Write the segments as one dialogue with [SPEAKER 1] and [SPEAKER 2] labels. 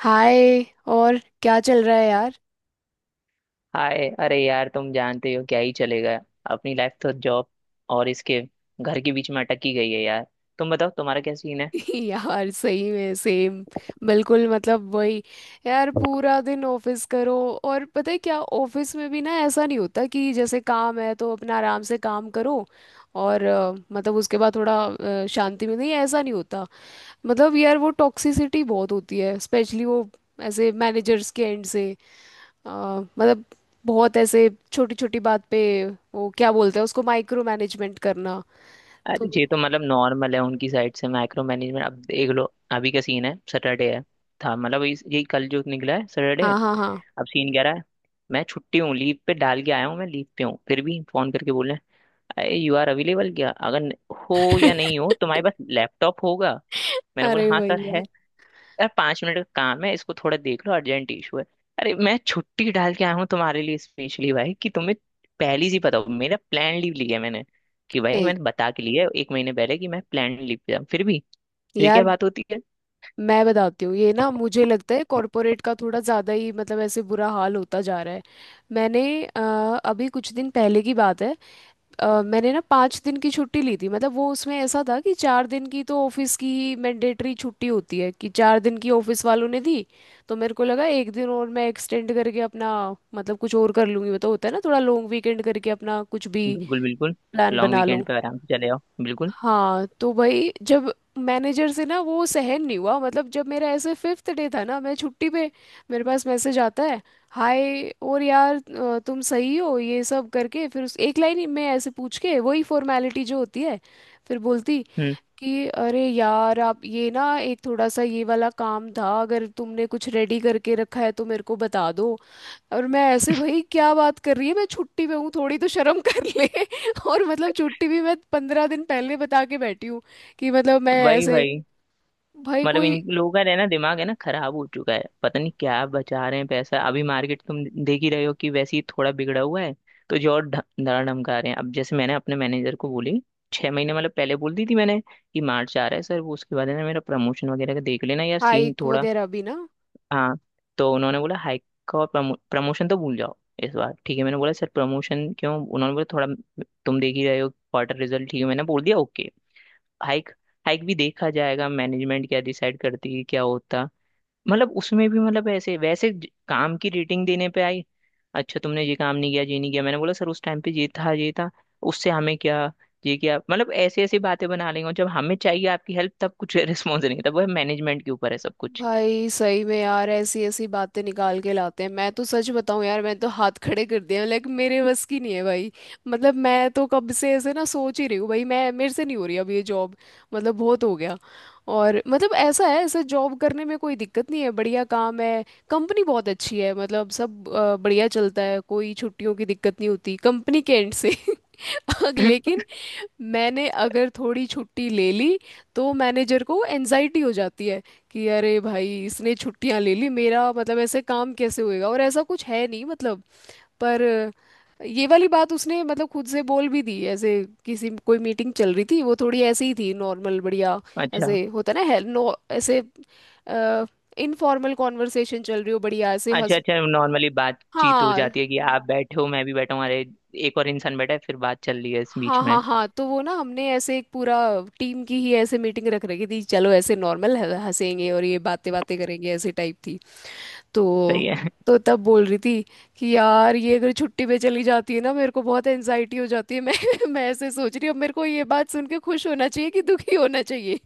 [SPEAKER 1] हाय। और क्या चल रहा है यार?
[SPEAKER 2] हाय। अरे यार, तुम जानते हो क्या ही चलेगा। अपनी लाइफ तो जॉब और इसके घर के बीच में अटकी गई है यार। तुम बताओ तुम्हारा क्या सीन है।
[SPEAKER 1] यार, सही में सेम। बिल्कुल, मतलब वही। यार, पूरा दिन ऑफिस करो। और पता है क्या, ऑफिस में भी ना ऐसा नहीं होता कि जैसे काम है तो अपना आराम से काम करो। और मतलब उसके बाद थोड़ा शांति में नहीं, ऐसा नहीं होता। मतलब यार, वो टॉक्सिसिटी बहुत होती है, स्पेशली वो ऐसे मैनेजर्स के एंड से। अ, मतलब बहुत ऐसे छोटी छोटी बात पे, वो क्या बोलते हैं उसको, माइक्रो मैनेजमेंट करना। तो।
[SPEAKER 2] अरे ये तो मतलब नॉर्मल है उनकी साइड से माइक्रो मैनेजमेंट, अब देख लो। अभी का सीन है, सैटरडे है, था मतलब यही कल जो निकला है सैटरडे।
[SPEAKER 1] हाँ हाँ हाँ।
[SPEAKER 2] अब सीन कह रहा है मैं छुट्टी हूँ, लीव पे डाल के आया हूँ, मैं लीव पे हूँ फिर भी फोन करके बोल रहे हैं अरे यू आर अवेलेबल क्या। अगर हो या नहीं हो तुम्हारे पास लैपटॉप होगा। मैंने बोला
[SPEAKER 1] अरे
[SPEAKER 2] हाँ सर
[SPEAKER 1] भैया।
[SPEAKER 2] है। यार 5 मिनट का काम है, इसको थोड़ा देख लो, अर्जेंट इशू है। अरे मैं छुट्टी डाल के आया हूँ तुम्हारे लिए स्पेशली भाई, कि तुम्हें पहले से पता हो मेरा प्लान, लीव लिया है मैंने कि
[SPEAKER 1] ए,
[SPEAKER 2] भाई मैंने बता के लिया है एक महीने पहले कि मैं प्लान लीव पे जाऊँ, फिर भी ये क्या
[SPEAKER 1] यार।
[SPEAKER 2] बात होती है।
[SPEAKER 1] मैं बताती हूँ, ये ना मुझे लगता है कॉरपोरेट का थोड़ा ज़्यादा ही, मतलब ऐसे बुरा हाल होता जा रहा है। मैंने अभी कुछ दिन पहले की बात है। मैंने ना 5 दिन की छुट्टी ली थी, मतलब वो उसमें ऐसा था कि 4 दिन की तो ऑफिस की मैंडेटरी छुट्टी होती है, कि 4 दिन की ऑफिस वालों ने दी। तो मेरे को लगा एक दिन और मैं एक्सटेंड करके अपना, मतलब कुछ और कर लूँगी, वो तो होता है ना थोड़ा लॉन्ग वीकेंड करके अपना कुछ भी
[SPEAKER 2] बिल्कुल बिल्कुल।
[SPEAKER 1] प्लान
[SPEAKER 2] लॉन्ग
[SPEAKER 1] बना लूँ।
[SPEAKER 2] वीकेंड पे आराम से चले आओ, बिल्कुल।
[SPEAKER 1] हाँ। तो भाई, जब मैनेजर से ना वो सहन नहीं हुआ, मतलब जब मेरा ऐसे फिफ्थ डे था ना मैं छुट्टी पे, मेरे पास मैसेज आता है। हाय, और यार तुम सही हो ये सब करके, फिर उस एक लाइन में ऐसे पूछ के वही फॉर्मेलिटी जो होती है। फिर बोलती
[SPEAKER 2] हम्म।
[SPEAKER 1] कि अरे यार, आप ये ना एक थोड़ा सा ये वाला काम था, अगर तुमने कुछ रेडी करके रखा है तो मेरे को बता दो। और मैं ऐसे, भाई क्या बात कर रही है, मैं छुट्टी पे हूँ, थोड़ी तो शर्म कर ले। और मतलब छुट्टी भी मैं 15 दिन पहले बता के बैठी हूँ, कि मतलब मैं
[SPEAKER 2] वही
[SPEAKER 1] ऐसे,
[SPEAKER 2] भाई,
[SPEAKER 1] भाई
[SPEAKER 2] मतलब
[SPEAKER 1] कोई
[SPEAKER 2] इन लोगों का रहना, दिमाग है ना खराब हो चुका है। पता नहीं क्या बचा रहे हैं पैसा, अभी मार्केट तुम देख ही रहे हो कि वैसे ही थोड़ा बिगड़ा हुआ है। तो जो और धड़ा धमका रहे हैं। अब जैसे मैंने अपने मैनेजर को बोली, 6 महीने मतलब पहले बोल दी थी मैंने कि मार्च आ रहा है सर, वो उसके बाद है ना मेरा प्रमोशन वगैरह का देख लेना यार, सीन
[SPEAKER 1] हाइक
[SPEAKER 2] थोड़ा।
[SPEAKER 1] वगैरह भी ना।
[SPEAKER 2] हाँ। तो उन्होंने बोला हाइक का और प्रमोशन तो भूल जाओ इस बार। ठीक है, मैंने बोला सर प्रमोशन क्यों। उन्होंने बोला थोड़ा तुम देख ही रहे हो क्वार्टर रिजल्ट। ठीक है, मैंने बोल दिया ओके। हाइक, हाइक भी देखा जाएगा, मैनेजमेंट क्या डिसाइड करती है क्या होता। मतलब उसमें भी मतलब ऐसे वैसे काम की रेटिंग देने पे आई। अच्छा, तुमने ये काम नहीं किया, ये नहीं किया। मैंने बोला सर उस टाइम पे ये था ये था, उससे हमें क्या। ये क्या, मतलब ऐसी ऐसी बातें बना लेंगे, और जब हमें चाहिए आपकी हेल्प तब कुछ रिस्पॉन्स नहीं। तब वो मैनेजमेंट के ऊपर है सब कुछ।
[SPEAKER 1] भाई सही में यार, ऐसी ऐसी बातें निकाल के लाते हैं। मैं तो सच बताऊं यार, मैं तो हाथ खड़े कर दिए हैं, लेकिन मेरे बस की नहीं है भाई। मतलब मैं तो कब से ऐसे ना सोच ही रही हूँ भाई, मैं मेरे से नहीं हो रही अब ये जॉब, मतलब बहुत हो गया। और मतलब ऐसा है, ऐसा जॉब करने में कोई दिक्कत नहीं है, बढ़िया काम है। कंपनी बहुत अच्छी है, मतलब सब बढ़िया चलता है, कोई छुट्टियों की दिक्कत नहीं होती कंपनी के एंड से, लेकिन मैंने अगर थोड़ी छुट्टी ले ली तो मैनेजर को एनजाइटी हो जाती है कि अरे भाई इसने छुट्टियां ले ली, मेरा मतलब ऐसे काम कैसे होएगा, और ऐसा कुछ है नहीं, मतलब। पर ये वाली बात उसने मतलब खुद से बोल भी दी ऐसे, किसी कोई मीटिंग चल रही थी, वो थोड़ी ऐसे ही थी नॉर्मल बढ़िया।
[SPEAKER 2] अच्छा
[SPEAKER 1] ऐसे होता ना है, नो ऐसे इनफॉर्मल कॉन्वर्सेशन चल रही हो बढ़िया, ऐसे
[SPEAKER 2] अच्छा।
[SPEAKER 1] हंस।
[SPEAKER 2] अच्छा, नॉर्मली बातचीत हो
[SPEAKER 1] हाँ
[SPEAKER 2] जाती है कि आप बैठे हो, मैं भी बैठा हूँ, अरे एक और इंसान बैठा है, फिर बात चल रही है इस
[SPEAKER 1] हाँ
[SPEAKER 2] बीच में।
[SPEAKER 1] हाँ। हाँ, तो वो ना हमने ऐसे एक पूरा टीम की ही ऐसे मीटिंग रख रखी थी, चलो ऐसे नॉर्मल हंसेंगे और ये बातें बातें करेंगे, ऐसे टाइप थी। तो
[SPEAKER 2] सही है।
[SPEAKER 1] तो तब बोल रही थी कि यार ये अगर छुट्टी पे चली जाती है ना, मेरे को बहुत एनजाइटी हो जाती है। मैं मैं ऐसे सोच रही हूँ, अब मेरे को ये बात सुन के खुश होना चाहिए कि दुखी होना चाहिए।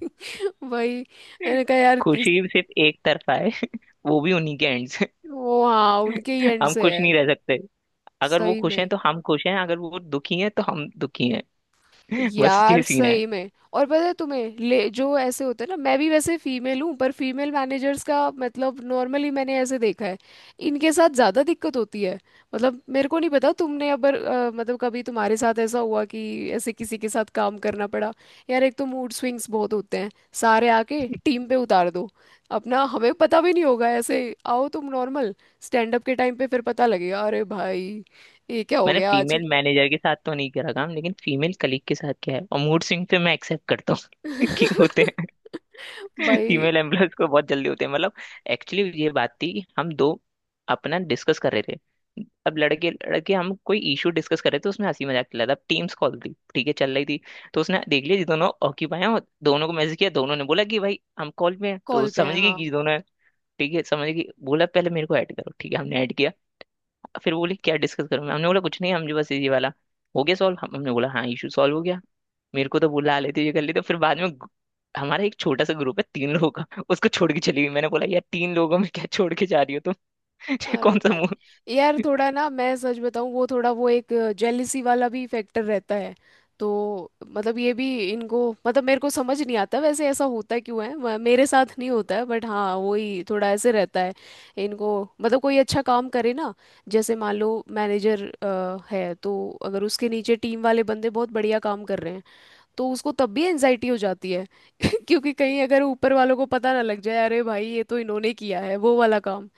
[SPEAKER 1] वही मैंने कहा यार,
[SPEAKER 2] खुशी सिर्फ एक तरफा है, वो भी उन्हीं के एंड।
[SPEAKER 1] वो हाँ उनके ही एंड
[SPEAKER 2] हम
[SPEAKER 1] से
[SPEAKER 2] खुश
[SPEAKER 1] है।
[SPEAKER 2] नहीं रह सकते, अगर वो
[SPEAKER 1] सही
[SPEAKER 2] खुश हैं
[SPEAKER 1] में।
[SPEAKER 2] तो हम खुश हैं, अगर वो दुखी हैं तो हम दुखी हैं। बस ये
[SPEAKER 1] यार
[SPEAKER 2] सीन है।
[SPEAKER 1] सही में, और पता है तुम्हें, ले जो ऐसे होते हैं ना, मैं भी वैसे फीमेल हूँ, पर फीमेल मैनेजर्स का मतलब नॉर्मली मैंने ऐसे देखा है, इनके साथ ज़्यादा दिक्कत होती है। मतलब मेरे को नहीं पता तुमने अगर मतलब कभी तुम्हारे साथ ऐसा हुआ कि ऐसे किसी के साथ काम करना पड़ा। यार एक तो मूड स्विंग्स बहुत होते हैं, सारे आके टीम पे उतार दो अपना, हमें पता भी नहीं होगा। ऐसे आओ तुम नॉर्मल, स्टैंड अप के टाइम पे फिर पता लगेगा, अरे भाई ये क्या हो
[SPEAKER 2] मैंने
[SPEAKER 1] गया आज।
[SPEAKER 2] फीमेल मैनेजर के साथ तो नहीं करा काम, लेकिन फीमेल कलीग के साथ किया है, और मूड स्विंग पे मैं एक्सेप्ट करता हूँ कि होते हैं।
[SPEAKER 1] भाई
[SPEAKER 2] फीमेल एम्बुलेंस को बहुत जल्दी होते हैं मतलब। एक्चुअली ये बात थी कि हम दो अपना डिस्कस कर रहे थे। अब लड़के लड़के हम कोई इशू डिस्कस कर रहे थे, उसमें हंसी मजाक चल रहा था। अब टीम्स कॉल थी, ठीक है, चल रही थी। तो उसने देख लिया जी, दोनों ऑक्यूपाई हैं, और दोनों को मैसेज किया। दोनों ने बोला कि भाई हम कॉल पे हैं, तो
[SPEAKER 1] कॉल पे है,
[SPEAKER 2] समझ गई
[SPEAKER 1] हाँ।
[SPEAKER 2] कि दोनों हैं। ठीक है, समझ गई, बोला पहले मेरे को ऐड करो। ठीक है, हमने ऐड किया। फिर बोले क्या डिस्कस करूँ, हमने बोला कुछ नहीं हम जो बस ये वाला हो गया सॉल्व, हम हमने बोला हाँ इशू सॉल्व हो गया। मेरे को तो बुला लेती, ये कर लेती। तो फिर बाद में हमारा एक छोटा सा ग्रुप है 3 लोगों का, उसको छोड़ के चली गई। मैंने बोला यार 3 लोगों में क्या छोड़ के जा रही हो तुम। ये
[SPEAKER 1] अरे
[SPEAKER 2] कौन सा मुंह।
[SPEAKER 1] भाई यार, थोड़ा ना मैं सच बताऊं, वो थोड़ा वो एक जेलिसी वाला भी फैक्टर रहता है। तो मतलब ये भी इनको, मतलब मेरे को समझ नहीं आता वैसे ऐसा होता क्यों है, मेरे साथ नहीं होता है, बट हाँ वही थोड़ा ऐसे रहता है इनको। मतलब कोई अच्छा काम करे ना, जैसे मान लो मैनेजर है तो, अगर उसके नीचे टीम वाले बंदे बहुत बढ़िया काम कर रहे हैं, तो उसको तब भी एनजाइटी हो जाती है। क्योंकि कहीं अगर ऊपर वालों को पता ना लग जाए, अरे भाई ये तो इन्होंने किया है वो वाला काम,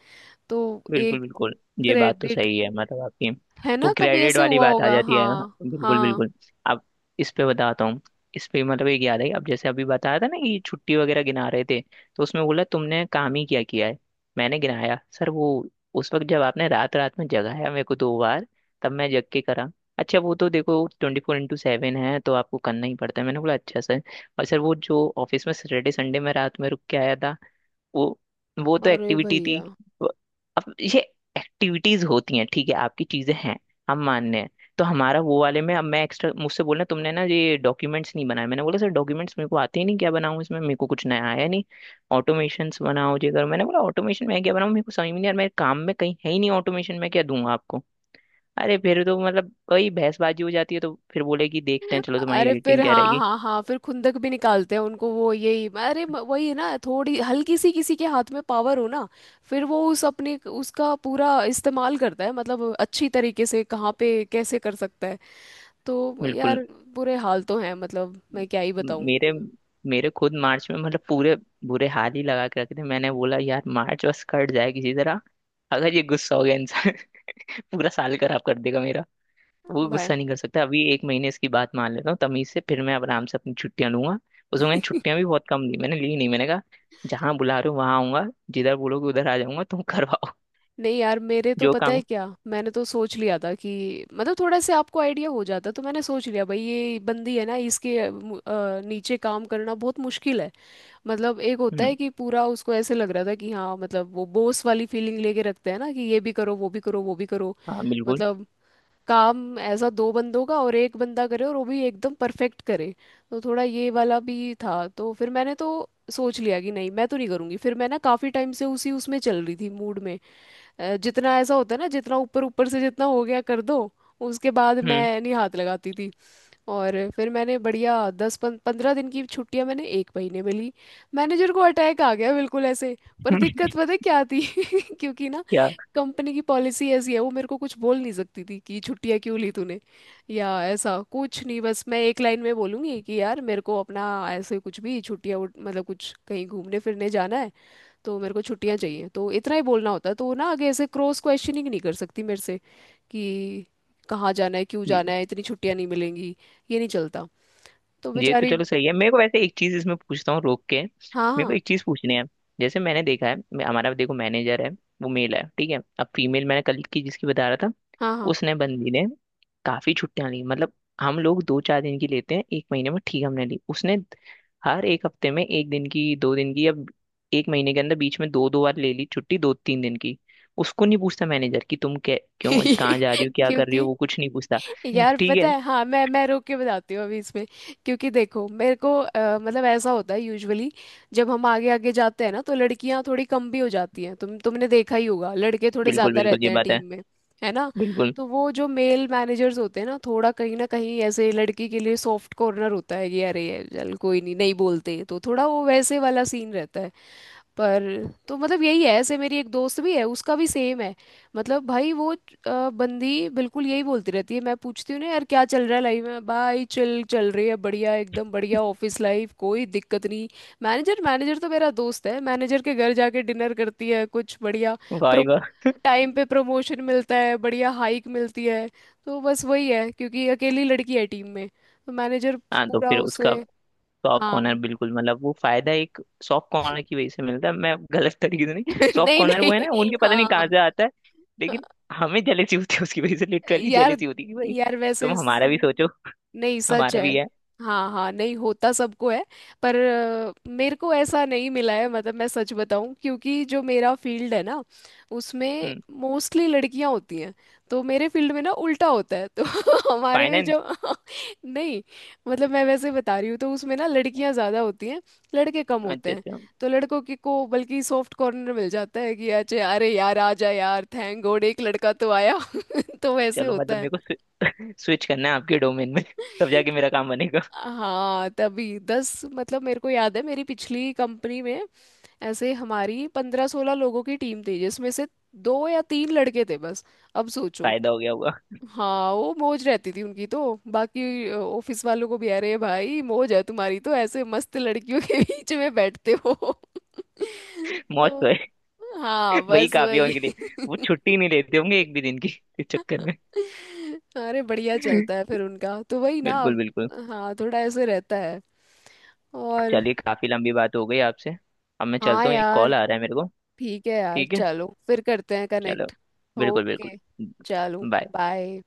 [SPEAKER 1] तो
[SPEAKER 2] बिल्कुल
[SPEAKER 1] एक
[SPEAKER 2] बिल्कुल। ये बात तो
[SPEAKER 1] क्रेडिट
[SPEAKER 2] सही है, मतलब आपकी
[SPEAKER 1] है
[SPEAKER 2] वो
[SPEAKER 1] ना, कभी
[SPEAKER 2] क्रेडिट
[SPEAKER 1] ऐसे
[SPEAKER 2] वाली
[SPEAKER 1] हुआ
[SPEAKER 2] बात आ
[SPEAKER 1] होगा।
[SPEAKER 2] जाती है, हाँ,
[SPEAKER 1] हाँ
[SPEAKER 2] बिल्कुल
[SPEAKER 1] हाँ।
[SPEAKER 2] बिल्कुल। अब इस पे बताता हूँ। इस पे मतलब, एक याद है। अब जैसे अभी बताया था ना कि छुट्टी वगैरह गिना रहे थे, तो उसमें बोला तुमने काम ही क्या किया है। मैंने गिनाया सर वो उस वक्त जब आपने रात रात में जगाया मेरे को 2 बार, तब मैं जग के करा। अच्छा, वो तो देखो 24x7 है, तो आपको करना ही पड़ता है। मैंने बोला अच्छा सर। और सर वो जो ऑफिस में सैटरडे संडे में रात में रुक के आया था वो वो तो
[SPEAKER 1] अरे
[SPEAKER 2] एक्टिविटी थी।
[SPEAKER 1] भैया।
[SPEAKER 2] व- अब ये एक्टिविटीज होती हैं, ठीक है, आपकी चीजें हैं, हम मानने हैं। तो हमारा वो वाले में अब मैं एक्स्ट्रा, मुझसे बोलना तुमने ना ये डॉक्यूमेंट्स नहीं बनाए। मैंने बोला सर डॉक्यूमेंट्स मेरे को आते ही नहीं, क्या बनाऊं, इसमें मेरे को कुछ नया आया नहीं। ऑटोमेशंस बनाओ, ये करो। मैंने बोला ऑटोमेशन मैं क्या बनाऊं, मेरे को समझ में नहीं यार, मेरे काम में कहीं है ही नहीं ऑटोमेशन, मैं क्या दूंगा आपको। अरे फिर तो मतलब वही बहसबाजी हो जाती है। तो फिर बोले कि देखते हैं चलो तुम्हारी
[SPEAKER 1] अरे फिर
[SPEAKER 2] रेटिंग क्या
[SPEAKER 1] हाँ
[SPEAKER 2] रहेगी।
[SPEAKER 1] हाँ हाँ, फिर खुंदक भी निकालते हैं उनको वो, यही अरे वही है ना, थोड़ी हल्की सी किसी के हाथ में पावर हो ना, फिर वो उस अपने उसका पूरा इस्तेमाल करता है, मतलब अच्छी तरीके से कहाँ पे कैसे कर सकता है। तो
[SPEAKER 2] बिल्कुल।
[SPEAKER 1] यार, बुरे हाल तो हैं, मतलब मैं क्या ही बताऊं
[SPEAKER 2] मेरे मेरे खुद मार्च में मतलब पूरे बुरे हाल ही लगा के रखे थे। मैंने बोला यार मार्च बस कट जाए किसी तरह। अगर ये गुस्सा हो गया इंसान, पूरा साल खराब कर देगा मेरा। वो
[SPEAKER 1] भाई।
[SPEAKER 2] गुस्सा नहीं कर सकता, अभी एक महीने इसकी बात मान लेता हूँ तमीज से, फिर मैं अब आराम से अपनी छुट्टियां लूंगा। उसमें मैंने छुट्टियां भी बहुत कम ली, मैंने ली नहीं। मैंने कहा जहाँ बुला रहे हो वहां आऊंगा, जिधर बोलोगे उधर आ जाऊंगा, तुम करवाओ।
[SPEAKER 1] नहीं यार मेरे तो,
[SPEAKER 2] जो
[SPEAKER 1] पता
[SPEAKER 2] काम।
[SPEAKER 1] है क्या, मैंने तो सोच लिया था कि मतलब थोड़ा से आपको आइडिया हो जाता, तो मैंने सोच लिया भाई ये बंदी है ना इसके नीचे काम करना बहुत मुश्किल है। मतलब एक होता
[SPEAKER 2] हम्म।
[SPEAKER 1] है कि पूरा उसको ऐसे लग रहा था कि हाँ मतलब वो बॉस वाली फीलिंग लेके रखते हैं ना कि ये भी करो वो भी करो वो भी करो।
[SPEAKER 2] हाँ बिल्कुल।
[SPEAKER 1] मतलब काम ऐसा दो बंदों का, और एक बंदा करे, और वो भी एकदम परफेक्ट करे। तो थोड़ा ये वाला भी था, तो फिर मैंने तो सोच लिया कि नहीं, मैं तो नहीं करूँगी। फिर मैं ना काफ़ी टाइम से उसी उसमें चल रही थी मूड में। जितना ऐसा होता है ना, जितना ऊपर ऊपर से जितना हो गया कर दो, उसके बाद
[SPEAKER 2] हम्म।
[SPEAKER 1] मैं नहीं हाथ लगाती थी। और फिर मैंने बढ़िया 15 दिन की छुट्टियां मैंने एक महीने में ली, मैनेजर को अटैक आ गया, बिल्कुल ऐसे। पर दिक्कत पता है क्या थी? क्योंकि ना
[SPEAKER 2] क्या।
[SPEAKER 1] कंपनी की पॉलिसी ऐसी है, वो मेरे को कुछ बोल नहीं सकती थी कि छुट्टियां क्यों ली तूने, या ऐसा कुछ नहीं, बस मैं एक लाइन में बोलूंगी कि यार मेरे को अपना, ऐसे कुछ भी छुट्टियां मतलब कुछ कहीं घूमने फिरने जाना है, तो मेरे को छुट्टियां चाहिए, तो इतना ही बोलना होता है, तो वो ना आगे ऐसे क्रॉस क्वेश्चनिंग नहीं कर सकती मेरे से कि कहाँ जाना है क्यों जाना है, इतनी छुट्टियां नहीं मिलेंगी, ये नहीं चलता, तो
[SPEAKER 2] ये तो
[SPEAKER 1] बेचारी।
[SPEAKER 2] चलो सही है। मेरे को वैसे एक चीज इसमें पूछता हूँ, रोक के।
[SPEAKER 1] हाँ
[SPEAKER 2] मेरे को
[SPEAKER 1] हाँ।
[SPEAKER 2] एक चीज पूछनी है। जैसे मैंने देखा है, हमारा देखो मैनेजर है, वो मेल है, ठीक है। अब फीमेल मैंने कल की जिसकी बता रहा था,
[SPEAKER 1] हाँ हाँ।
[SPEAKER 2] उसने बंदी ने काफी छुट्टियां ली मतलब। हम लोग दो चार दिन की लेते हैं एक महीने में, ठीक, हमने ली। उसने हर एक हफ्ते में एक दिन की, दो दिन की, या एक महीने के अंदर बीच में दो दो बार ले ली छुट्टी, दो तीन दिन की। उसको नहीं पूछता मैनेजर कि तुम क्या, क्यों, कहाँ जा रही हो, क्या कर रही हो,
[SPEAKER 1] क्योंकि
[SPEAKER 2] वो कुछ नहीं पूछता।
[SPEAKER 1] यार
[SPEAKER 2] ठीक
[SPEAKER 1] पता
[SPEAKER 2] है।
[SPEAKER 1] है, हाँ मैं रोक के बताती हूँ अभी इसमें। क्योंकि देखो मेरे को मतलब ऐसा होता है यूजुअली, जब हम आगे आगे जाते हैं ना तो लड़कियां थोड़ी कम भी हो जाती हैं, तुमने देखा ही होगा, लड़के थोड़े
[SPEAKER 2] बिल्कुल
[SPEAKER 1] ज्यादा
[SPEAKER 2] बिल्कुल,
[SPEAKER 1] रहते
[SPEAKER 2] ये
[SPEAKER 1] हैं
[SPEAKER 2] बात है।
[SPEAKER 1] टीम में, है ना।
[SPEAKER 2] बिल्कुल।
[SPEAKER 1] तो वो जो मेल मैनेजर्स होते हैं ना, थोड़ा कहीं ना कहीं ऐसे लड़की के लिए सॉफ्ट कॉर्नर होता है, कि अरे ये चल, कोई नहीं, नहीं बोलते, तो थोड़ा वो वैसे वाला सीन रहता है। पर तो मतलब यही है, ऐसे मेरी एक दोस्त भी है, उसका भी सेम है। मतलब भाई वो बंदी बिल्कुल यही बोलती रहती है, मैं पूछती हूँ ना यार क्या चल रहा है लाइफ में, भाई चल चल रही है बढ़िया एकदम बढ़िया, ऑफिस लाइफ कोई दिक्कत नहीं, मैनेजर मैनेजर तो मेरा दोस्त है, मैनेजर के घर जाके डिनर करती है, कुछ बढ़िया प्रो
[SPEAKER 2] भाई वाह।
[SPEAKER 1] टाइम पे प्रमोशन मिलता है, बढ़िया हाइक मिलती है। तो बस वही है, क्योंकि अकेली लड़की है टीम में तो मैनेजर
[SPEAKER 2] हाँ तो
[SPEAKER 1] पूरा
[SPEAKER 2] फिर
[SPEAKER 1] उसे।
[SPEAKER 2] उसका सॉफ्ट कॉर्नर,
[SPEAKER 1] हाँ।
[SPEAKER 2] बिल्कुल, मतलब वो फायदा एक सॉफ्ट कॉर्नर की वजह से मिलता है, मैं गलत तरीके से नहीं। सॉफ्ट
[SPEAKER 1] नहीं
[SPEAKER 2] कॉर्नर वो है
[SPEAKER 1] नहीं।
[SPEAKER 2] ना, उनके पता नहीं कहाँ
[SPEAKER 1] हाँ।
[SPEAKER 2] से आता है, लेकिन हमें जेलेसी होती है, उसकी वजह से लिटरली
[SPEAKER 1] यार
[SPEAKER 2] जेलेसी होती है कि भाई
[SPEAKER 1] यार वैसे
[SPEAKER 2] तुम हमारा भी सोचो।
[SPEAKER 1] नहीं, सच
[SPEAKER 2] हमारा
[SPEAKER 1] है।
[SPEAKER 2] भी है।
[SPEAKER 1] हाँ हाँ, नहीं, होता सबको है। पर मेरे को ऐसा नहीं मिला है, मतलब मैं सच बताऊं, क्योंकि जो मेरा फील्ड है ना, उसमें
[SPEAKER 2] हम्म।
[SPEAKER 1] मोस्टली लड़कियां होती हैं। तो मेरे फील्ड में ना उल्टा होता है तो, हमारे में
[SPEAKER 2] फाइनेंस।
[SPEAKER 1] जो, नहीं मतलब मैं वैसे बता रही हूँ, तो उसमें ना लड़कियां ज़्यादा होती हैं, लड़के कम होते
[SPEAKER 2] अच्छा
[SPEAKER 1] हैं।
[SPEAKER 2] अच्छा।
[SPEAKER 1] तो लड़कों की को बल्कि सॉफ्ट कॉर्नर मिल जाता है कि अच्छा अरे यार आ जा यार, थैंक गॉड एक लड़का तो आया। तो वैसे
[SPEAKER 2] चलो
[SPEAKER 1] होता
[SPEAKER 2] मतलब
[SPEAKER 1] है।
[SPEAKER 2] मेरे को स्विच करना है आपके डोमेन में, तब जाके मेरा काम बनेगा।
[SPEAKER 1] हाँ, तभी दस मतलब मेरे को याद है मेरी पिछली कंपनी में, ऐसे हमारी 15-16 लोगों की टीम थी, जिसमें से दो या तीन लड़के थे बस। अब सोचो।
[SPEAKER 2] फायदा हो गया होगा।
[SPEAKER 1] हाँ वो मौज रहती थी उनकी तो, बाकी ऑफिस वालों को भी, अरे भाई मौज है तुम्हारी तो, ऐसे मस्त लड़कियों के बीच में बैठते हो।
[SPEAKER 2] मौज तो
[SPEAKER 1] तो
[SPEAKER 2] है।
[SPEAKER 1] हाँ
[SPEAKER 2] वही
[SPEAKER 1] बस
[SPEAKER 2] काफी है
[SPEAKER 1] वही।
[SPEAKER 2] उनके लिए। वो छुट्टी नहीं लेते होंगे एक भी दिन की इस चक्कर में।
[SPEAKER 1] अरे बढ़िया चलता है फिर उनका तो, वही ना।
[SPEAKER 2] बिल्कुल बिल्कुल।
[SPEAKER 1] हाँ थोड़ा ऐसे रहता है। और
[SPEAKER 2] चलिए काफी लंबी बात हो गई आपसे, अब मैं
[SPEAKER 1] हाँ
[SPEAKER 2] चलता हूँ, एक
[SPEAKER 1] यार,
[SPEAKER 2] कॉल आ रहा है मेरे को।
[SPEAKER 1] ठीक है यार,
[SPEAKER 2] ठीक है।
[SPEAKER 1] चलो फिर करते हैं
[SPEAKER 2] चलो।
[SPEAKER 1] कनेक्ट।
[SPEAKER 2] बिल्कुल बिल्कुल।
[SPEAKER 1] ओके। चलो।
[SPEAKER 2] बाय।
[SPEAKER 1] बाय।